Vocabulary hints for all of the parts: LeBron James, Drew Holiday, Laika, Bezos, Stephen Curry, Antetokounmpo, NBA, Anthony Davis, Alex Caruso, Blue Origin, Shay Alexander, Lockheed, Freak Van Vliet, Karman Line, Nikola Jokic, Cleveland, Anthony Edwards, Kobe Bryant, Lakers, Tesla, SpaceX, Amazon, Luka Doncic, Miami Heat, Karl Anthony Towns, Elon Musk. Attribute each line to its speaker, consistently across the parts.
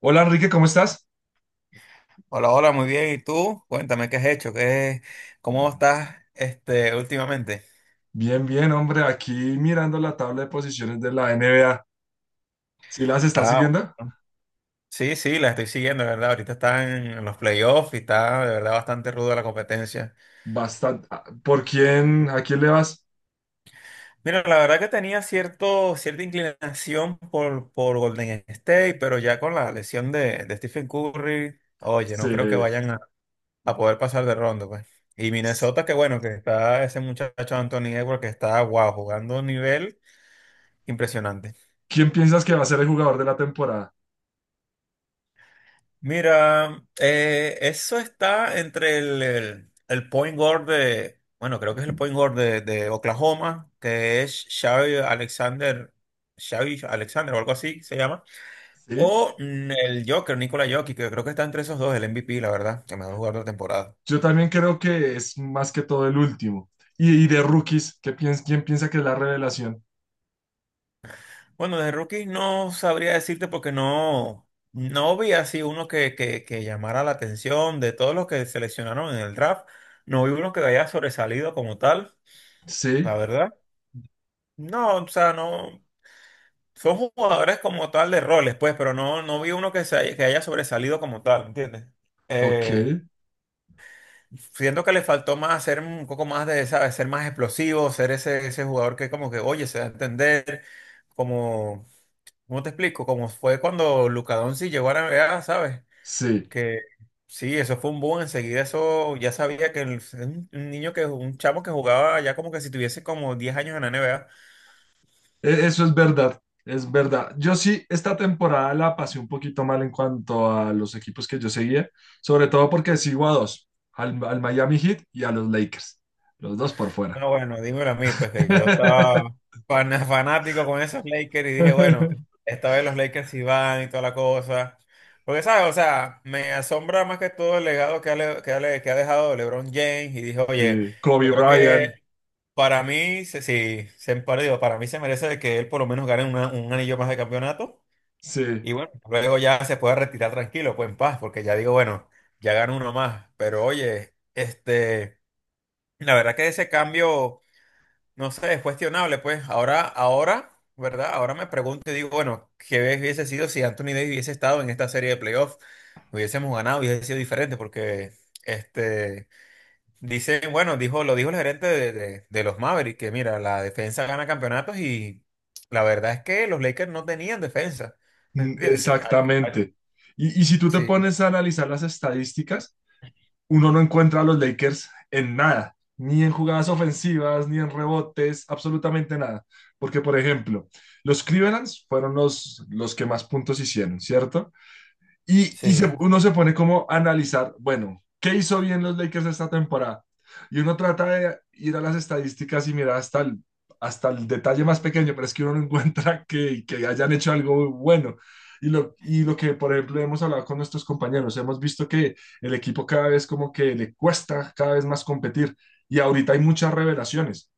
Speaker 1: Hola, Enrique, ¿cómo estás?
Speaker 2: Hola, hola, muy bien. ¿Y tú? Cuéntame, ¿qué has hecho? ¿Cómo estás últimamente?
Speaker 1: Bien, bien, hombre, aquí mirando la tabla de posiciones de la NBA. ¿Sí las estás
Speaker 2: Ah,
Speaker 1: siguiendo?
Speaker 2: bueno. Sí, sí, la estoy siguiendo, de ¿verdad? Ahorita están en los playoffs y está de verdad bastante ruda la competencia.
Speaker 1: Bastante. Ah, ¿por quién, a quién le vas?
Speaker 2: Mira, la verdad que tenía cierta inclinación por Golden State, pero ya con la lesión de Stephen Curry, oye, no creo que
Speaker 1: Se-
Speaker 2: vayan a poder pasar de ronda, pues. Y Minnesota, que bueno, que está ese muchacho Anthony Edwards que está, wow, jugando a un nivel impresionante.
Speaker 1: ¿Quién piensas que va a ser el jugador de la temporada?
Speaker 2: Mira, eso está entre el point guard de, bueno, creo que es el point guard de Oklahoma, que es Shay Alexander, Shay Alexander o algo así se llama,
Speaker 1: Sí.
Speaker 2: o el Joker, Nikola Jokic, que creo que está entre esos dos, el MVP, la verdad, el mejor jugador de la temporada.
Speaker 1: Yo también creo que es más que todo el último. Y de rookies, ¿quién piensa que es la revelación?
Speaker 2: Bueno, de rookies no sabría decirte porque no vi así uno que llamara la atención de todos los que seleccionaron en el draft, no vi uno que haya sobresalido como tal, la
Speaker 1: Sí,
Speaker 2: verdad. No, o sea, no. Son jugadores como tal de roles, pues, pero no vi uno que haya sobresalido como tal, ¿entiendes?
Speaker 1: ok,
Speaker 2: Eh, siento que le faltó más ser un poco más de, ¿sabes? Ser más explosivo, ser ese jugador que como que, oye, se da a entender, como, ¿cómo te explico? Como fue cuando Luka Doncic llegó a la NBA, ¿sabes?
Speaker 1: sí.
Speaker 2: Que sí, eso fue un boom, enseguida eso, ya sabía que un niño que, un chamo que jugaba ya como que si tuviese como 10 años en la NBA.
Speaker 1: Eso es verdad, es verdad. Yo sí, esta temporada la pasé un poquito mal en cuanto a los equipos que yo seguía, sobre todo porque sigo a dos, al Miami Heat y a los Lakers, los dos por fuera.
Speaker 2: No, bueno, dímelo a mí, pues que yo estaba fanático con esos Lakers y dije, bueno, esta vez los Lakers sí van y toda la cosa. Porque, ¿sabes? O sea, me asombra más que todo el legado que ha dejado LeBron James y dije, oye,
Speaker 1: Sí,
Speaker 2: yo
Speaker 1: Kobe
Speaker 2: creo
Speaker 1: Bryant,
Speaker 2: que para mí, se- sí, se, para digo, para mí se merece de que él por lo menos gane un anillo más de campeonato
Speaker 1: sí,
Speaker 2: y bueno, luego ya se pueda retirar tranquilo, pues en paz, porque ya digo, bueno, ya gano uno más. Pero oye, la verdad que ese cambio. No sé, es cuestionable, pues. Ahora, ahora, ¿verdad? Ahora me pregunto y digo, bueno, ¿qué hubiese sido si Anthony Davis hubiese estado en esta serie de playoffs? Hubiésemos ganado, hubiese sido diferente, porque este dicen, bueno, lo dijo el gerente de los Mavericks, que mira, la defensa gana campeonatos y la verdad es que los Lakers no tenían defensa. ¿Me
Speaker 1: mm,
Speaker 2: entiendes?
Speaker 1: exactamente. Y si tú te
Speaker 2: Sí,
Speaker 1: pones a analizar las estadísticas, uno no encuentra a los Lakers en nada, ni en jugadas ofensivas, ni en rebotes, absolutamente nada. Porque, por ejemplo, los Clevelands fueron los que más puntos hicieron, ¿cierto? Y,
Speaker 2: sí,
Speaker 1: uno se pone como a analizar, bueno, ¿qué hizo bien los Lakers esta temporada? Y uno trata de ir a las estadísticas y mirar hasta hasta el detalle más pequeño, pero es que uno no encuentra que hayan hecho algo bueno. Y lo que, por ejemplo, hemos hablado con nuestros compañeros, hemos visto que el equipo cada vez como que le cuesta cada vez más competir. Y ahorita hay muchas revelaciones.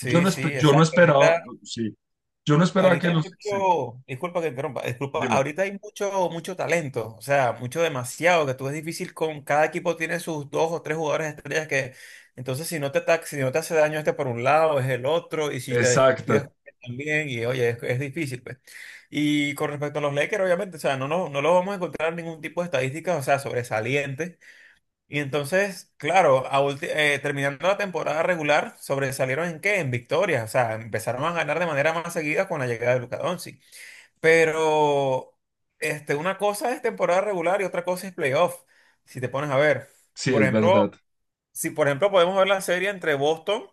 Speaker 2: sí,
Speaker 1: Yo no
Speaker 2: exacto.
Speaker 1: esperaba,
Speaker 2: ahorita
Speaker 1: sí, yo no esperaba
Speaker 2: Ahorita
Speaker 1: que
Speaker 2: hay
Speaker 1: los... sí,
Speaker 2: mucho, disculpa que interrumpa, disculpa,
Speaker 1: dime.
Speaker 2: ahorita hay mucho, mucho talento, o sea, mucho demasiado, que tú es difícil con, cada equipo tiene sus dos o tres jugadores estrellas que, entonces si no te ataca, si no te hace daño este por un lado, es el otro, y si te descuidas
Speaker 1: Exacto,
Speaker 2: también, y oye, es difícil, pues. Y con respecto a los Lakers, obviamente, o sea, no lo vamos a encontrar ningún tipo de estadísticas, o sea, sobresalientes, y entonces, claro, terminando la temporada regular, sobresalieron en qué? En victorias. O sea, empezaron a ganar de manera más seguida con la llegada de Luka Doncic. Pero una cosa es temporada regular y otra cosa es playoff, si te pones a ver.
Speaker 1: sí,
Speaker 2: Por
Speaker 1: es
Speaker 2: ejemplo,
Speaker 1: verdad.
Speaker 2: si, por ejemplo, podemos ver la serie entre Boston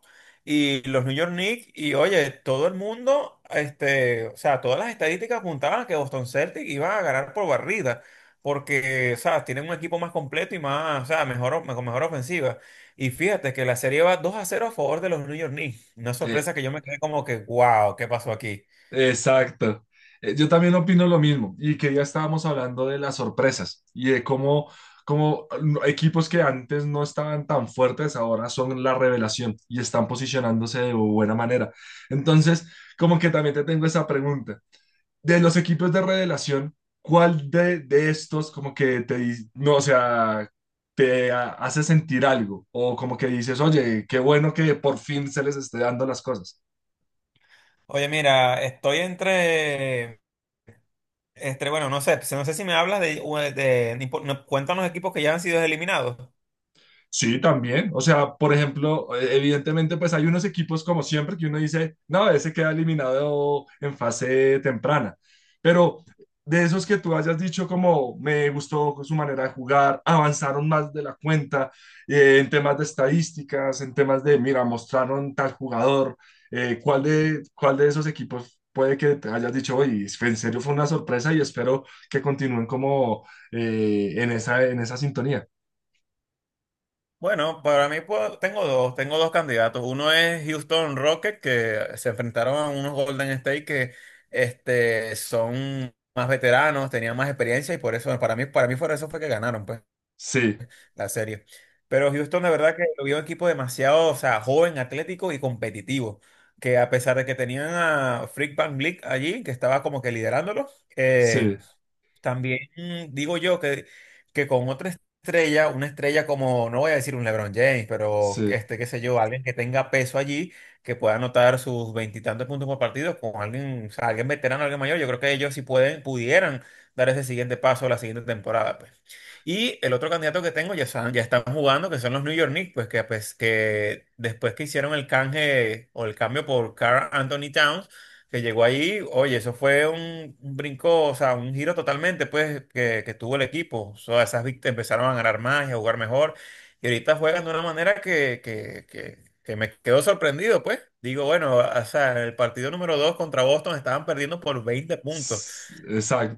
Speaker 2: y los New York Knicks, y oye, todo el mundo, o sea, todas las estadísticas apuntaban a que Boston Celtics iba a ganar por barrida, porque, o sea, tienen un equipo más completo y más, o sea, mejor, con mejor ofensiva. Y fíjate que la serie va 2-0 a favor de los New York Knicks. Una
Speaker 1: Eh,
Speaker 2: sorpresa que yo me quedé como que, wow, ¿qué pasó aquí?
Speaker 1: Exacto. Yo también opino lo mismo. Y que ya estábamos hablando de las sorpresas y de cómo, equipos que antes no estaban tan fuertes ahora son la revelación y están posicionándose de buena manera. Entonces, como que también te tengo esa pregunta. De los equipos de revelación, ¿cuál de estos como que te, no, o sea, hace sentir algo? O como que dices, oye, qué bueno que por fin se les esté dando las cosas.
Speaker 2: Oye, mira, estoy entre, entre, bueno, no sé, no sé si me hablas de, de- cuéntanos equipos que ya han sido eliminados.
Speaker 1: Sí, también. O sea, por ejemplo, evidentemente, pues hay unos equipos como siempre que uno dice, no, ese queda eliminado en fase temprana. Pero de esos que tú hayas dicho como me gustó su manera de jugar, avanzaron más de la cuenta en temas de estadísticas, en temas de, mira, mostraron tal jugador, cuál de esos equipos puede que te hayas dicho, oye, en serio fue una sorpresa y espero que continúen como en esa sintonía?
Speaker 2: Bueno, para mí tengo dos candidatos. Uno es Houston Rockets, que se enfrentaron a unos Golden State que son más veteranos, tenían más experiencia y por eso, para mí por eso fue que ganaron pues,
Speaker 1: Sí,
Speaker 2: la serie. Pero Houston de verdad que lo vio un equipo demasiado, o sea, joven, atlético y competitivo, que a pesar de que tenían a Freak Van Vliet allí, que estaba como que liderándolo, eh,
Speaker 1: sí.
Speaker 2: también digo yo que con otra estrella, una estrella como, no voy a decir un LeBron James, pero
Speaker 1: Sí,
Speaker 2: qué sé yo, alguien que tenga peso allí, que pueda anotar sus veintitantos puntos por partido, con alguien, o sea, alguien veterano, alguien mayor, yo creo que ellos sí pueden, pudieran dar ese siguiente paso la siguiente temporada, pues. Y el otro candidato que tengo, ya están jugando, que son los New York Knicks, pues, que después que hicieron el canje o el cambio por Karl Anthony Towns, que llegó ahí, oye, eso fue un brinco, o sea, un giro totalmente, pues, que tuvo el equipo. O sea, esas víctimas empezaron a ganar más y a jugar mejor. Y ahorita juegan de una manera que me quedó sorprendido, pues. Digo, bueno, o sea, en el partido número 2 contra Boston estaban perdiendo por 20 puntos.
Speaker 1: s-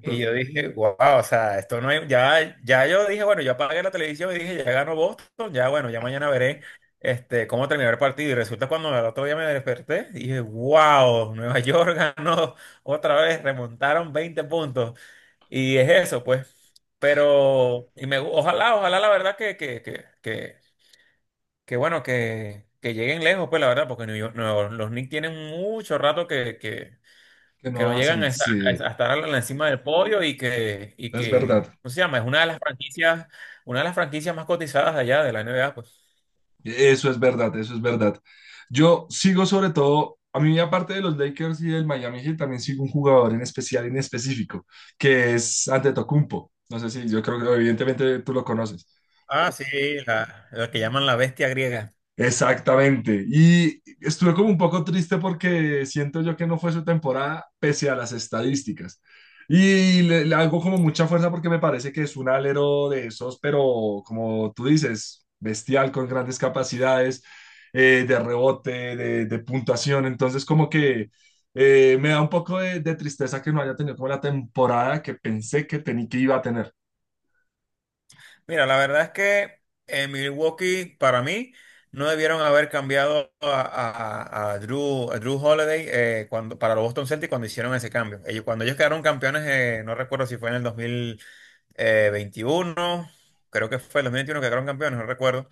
Speaker 2: Y yo dije, wow, o sea, esto no hay, ya yo dije, bueno, yo apagué la televisión y dije, ya ganó Boston, ya bueno, ya mañana veré cómo terminar el partido. Y resulta cuando al otro día me desperté, dije, wow, Nueva York ganó otra vez, remontaron 20 puntos. Y es eso, pues. Pero, y me, ojalá, ojalá la verdad que bueno, que lleguen lejos, pues la verdad, porque los Knicks tienen mucho rato
Speaker 1: que
Speaker 2: que no
Speaker 1: no
Speaker 2: llegan
Speaker 1: hacen,
Speaker 2: a,
Speaker 1: sí,
Speaker 2: a estar a encima del podio y
Speaker 1: es verdad,
Speaker 2: que, ¿cómo se llama? Es una de las franquicias, una de las franquicias más cotizadas de allá de la NBA, pues.
Speaker 1: eso es verdad, eso es verdad. Yo sigo sobre todo, a mí aparte de los Lakers y del Miami Heat, también sigo un jugador en especial, en específico, que es Antetokounmpo. No sé si, yo creo que evidentemente tú lo conoces.
Speaker 2: Ah, sí, la que llaman la bestia griega.
Speaker 1: Exactamente. Y estuve como un poco triste porque siento yo que no fue su temporada pese a las estadísticas. Y le hago como mucha fuerza porque me parece que es un alero de esos, pero como tú dices, bestial, con grandes capacidades de rebote, de puntuación. Entonces como que me da un poco de tristeza que no haya tenido como la temporada que pensé que, tenía que iba a tener.
Speaker 2: Mira, la verdad es que en Milwaukee, para mí, no debieron haber cambiado a Drew Holiday cuando, para los Boston Celtics cuando hicieron ese cambio. Ellos, cuando ellos quedaron campeones, no recuerdo si fue en el 2021, creo que fue el 2021 que quedaron campeones, no recuerdo.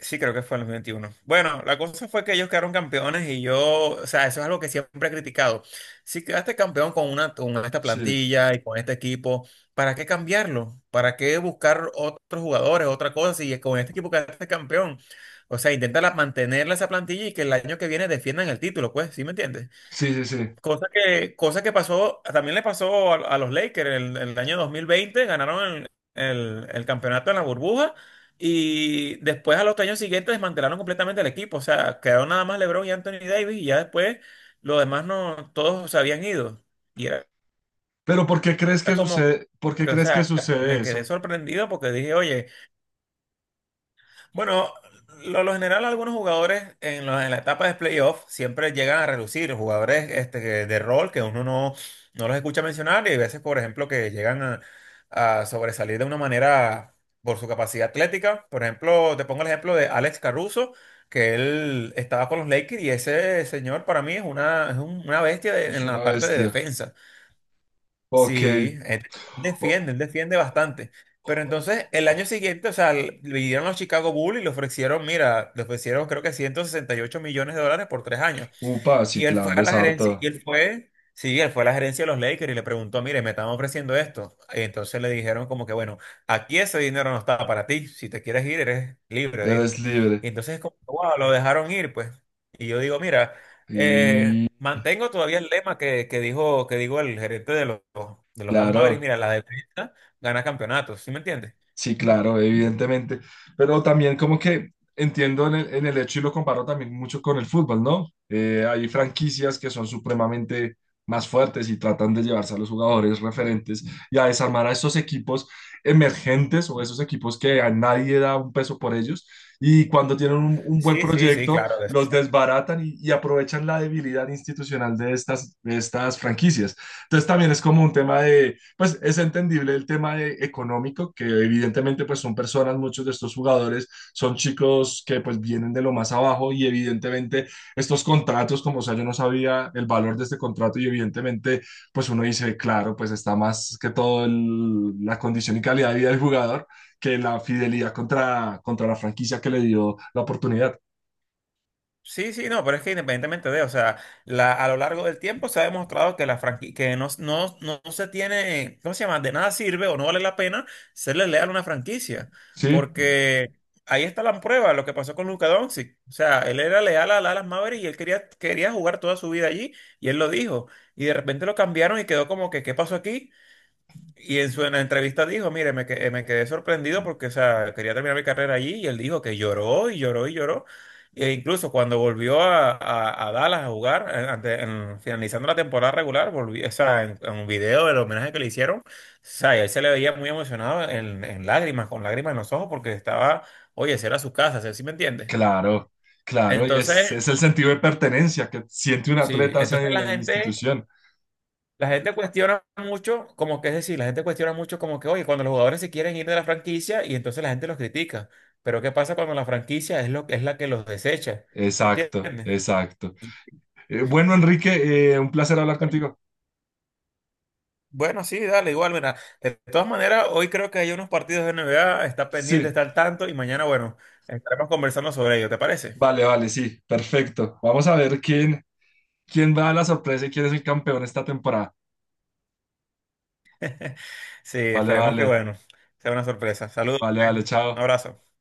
Speaker 2: Sí, creo que fue en el 21. Bueno, la cosa fue que ellos quedaron campeones y yo, o sea, eso es algo que siempre he criticado. Si quedaste campeón con esta
Speaker 1: Sí,
Speaker 2: plantilla y con este equipo, ¿para qué cambiarlo? ¿Para qué buscar otros jugadores, otra cosa? Si con este equipo quedaste campeón. O sea, intenta mantenerla esa plantilla y que el año que viene defiendan el título, pues, ¿sí me entiendes?
Speaker 1: sí, sí, sí.
Speaker 2: Cosa que pasó, también le pasó a los Lakers el año 2020, ganaron el campeonato en la burbuja y después a los años siguientes desmantelaron completamente el equipo, o sea, quedaron nada más LeBron y Anthony Davis y ya después los demás no, todos se habían ido. Y era,
Speaker 1: Pero ¿por qué crees que
Speaker 2: era como
Speaker 1: sucede, por qué
Speaker 2: que, o
Speaker 1: crees que
Speaker 2: sea,
Speaker 1: sucede
Speaker 2: me quedé
Speaker 1: eso?
Speaker 2: sorprendido porque dije, oye, bueno, lo general algunos jugadores en, la etapa de playoff siempre llegan a relucir, jugadores de rol que uno no los escucha mencionar y hay veces, por ejemplo, que llegan a sobresalir de una manera por su capacidad atlética. Por ejemplo, te pongo el ejemplo de Alex Caruso, que él estaba con los Lakers y ese señor para mí es una bestia
Speaker 1: Es
Speaker 2: en la
Speaker 1: una
Speaker 2: parte de
Speaker 1: bestia.
Speaker 2: defensa.
Speaker 1: Ok.
Speaker 2: Sí,
Speaker 1: O-
Speaker 2: él defiende bastante. Pero entonces, el año siguiente, o sea, le dieron los Chicago Bulls y le ofrecieron, mira, le ofrecieron creo que $168 millones por 3 años.
Speaker 1: Upa, sí,
Speaker 2: Y él fue
Speaker 1: claro,
Speaker 2: a
Speaker 1: es
Speaker 2: la
Speaker 1: harto.
Speaker 2: gerencia, él fue a la gerencia de los Lakers y le preguntó, mire, me están ofreciendo esto. Y entonces le dijeron como que, bueno, aquí ese dinero no está para ti, si te quieres ir, eres libre de
Speaker 1: Él es
Speaker 2: irte.
Speaker 1: libre.
Speaker 2: Y entonces como, wow, lo dejaron ir, pues. Y yo digo, mira,
Speaker 1: Y
Speaker 2: mantengo todavía el lema que dijo el gerente de los Dallas Mavericks,
Speaker 1: claro.
Speaker 2: mira, la defensa gana campeonatos, ¿sí me entiendes?
Speaker 1: Sí, claro, evidentemente. Pero también como que entiendo en el hecho y lo comparo también mucho con el fútbol, ¿no? Hay franquicias que son supremamente más fuertes y tratan de llevarse a los jugadores referentes y a desarmar a esos equipos emergentes o esos equipos que a nadie da un peso por ellos. Y cuando tienen un buen
Speaker 2: Sí, sí, sí,
Speaker 1: proyecto,
Speaker 2: claro, de eso.
Speaker 1: los desbaratan y aprovechan la debilidad institucional de estas franquicias. Entonces también es como un tema, pues es entendible el tema económico, que evidentemente pues son personas, muchos de estos jugadores son chicos que pues vienen de lo más abajo y evidentemente estos contratos, como o sea, yo no sabía el valor de este contrato y evidentemente pues uno dice, claro, pues está más que todo la condición y calidad de vida del jugador que la fidelidad contra, contra la franquicia que le dio la oportunidad.
Speaker 2: Sí, sí, no, pero es que independientemente de, o sea, la, a lo largo del tiempo se ha demostrado que la franquicia, que no no se tiene, ¿cómo se llama? De nada sirve o no vale la pena serle leal a una franquicia,
Speaker 1: Sí,
Speaker 2: porque ahí está la prueba, lo que pasó con Luka Doncic, o sea, él era leal a Dallas Mavericks y él quería, quería jugar toda su vida allí y él lo dijo, y de repente lo cambiaron y quedó como que, ¿qué pasó aquí? Y en la entrevista dijo, mire, me quedé sorprendido porque, o sea, quería terminar mi carrera allí y él dijo que lloró y lloró y lloró. E incluso cuando volvió a Dallas a jugar, finalizando la temporada regular, volvió, o sea, en un video del homenaje que le hicieron, o sea, y él se le veía muy emocionado en lágrimas, con lágrimas en los ojos porque estaba, oye, esa era su casa, ¿sí, sí me entiendes?
Speaker 1: claro, claro, y
Speaker 2: Entonces,
Speaker 1: es el sentido de pertenencia que siente un
Speaker 2: sí,
Speaker 1: atleta hacia
Speaker 2: entonces la
Speaker 1: la
Speaker 2: gente.
Speaker 1: institución.
Speaker 2: La gente cuestiona mucho, como que es decir, la gente cuestiona mucho como que, oye, cuando los jugadores se quieren ir de la franquicia y entonces la gente los critica. Pero ¿qué pasa cuando la franquicia es lo es la que los desecha? ¿Me
Speaker 1: Exacto,
Speaker 2: entiendes?
Speaker 1: exacto. Bueno, Enrique, un placer hablar contigo.
Speaker 2: Bueno, sí, dale, igual, mira. De todas maneras, hoy creo que hay unos partidos de NBA, está pendiente,
Speaker 1: Sí,
Speaker 2: está al tanto y mañana, bueno, estaremos conversando sobre ello, ¿te parece?
Speaker 1: vale, vale, sí, perfecto. Vamos a ver quién, quién va a la sorpresa y quién es el campeón esta temporada.
Speaker 2: Sí,
Speaker 1: Vale,
Speaker 2: esperemos que,
Speaker 1: vale,
Speaker 2: bueno, sea una sorpresa. Saludos,
Speaker 1: vale, vale,
Speaker 2: un
Speaker 1: chao.
Speaker 2: abrazo.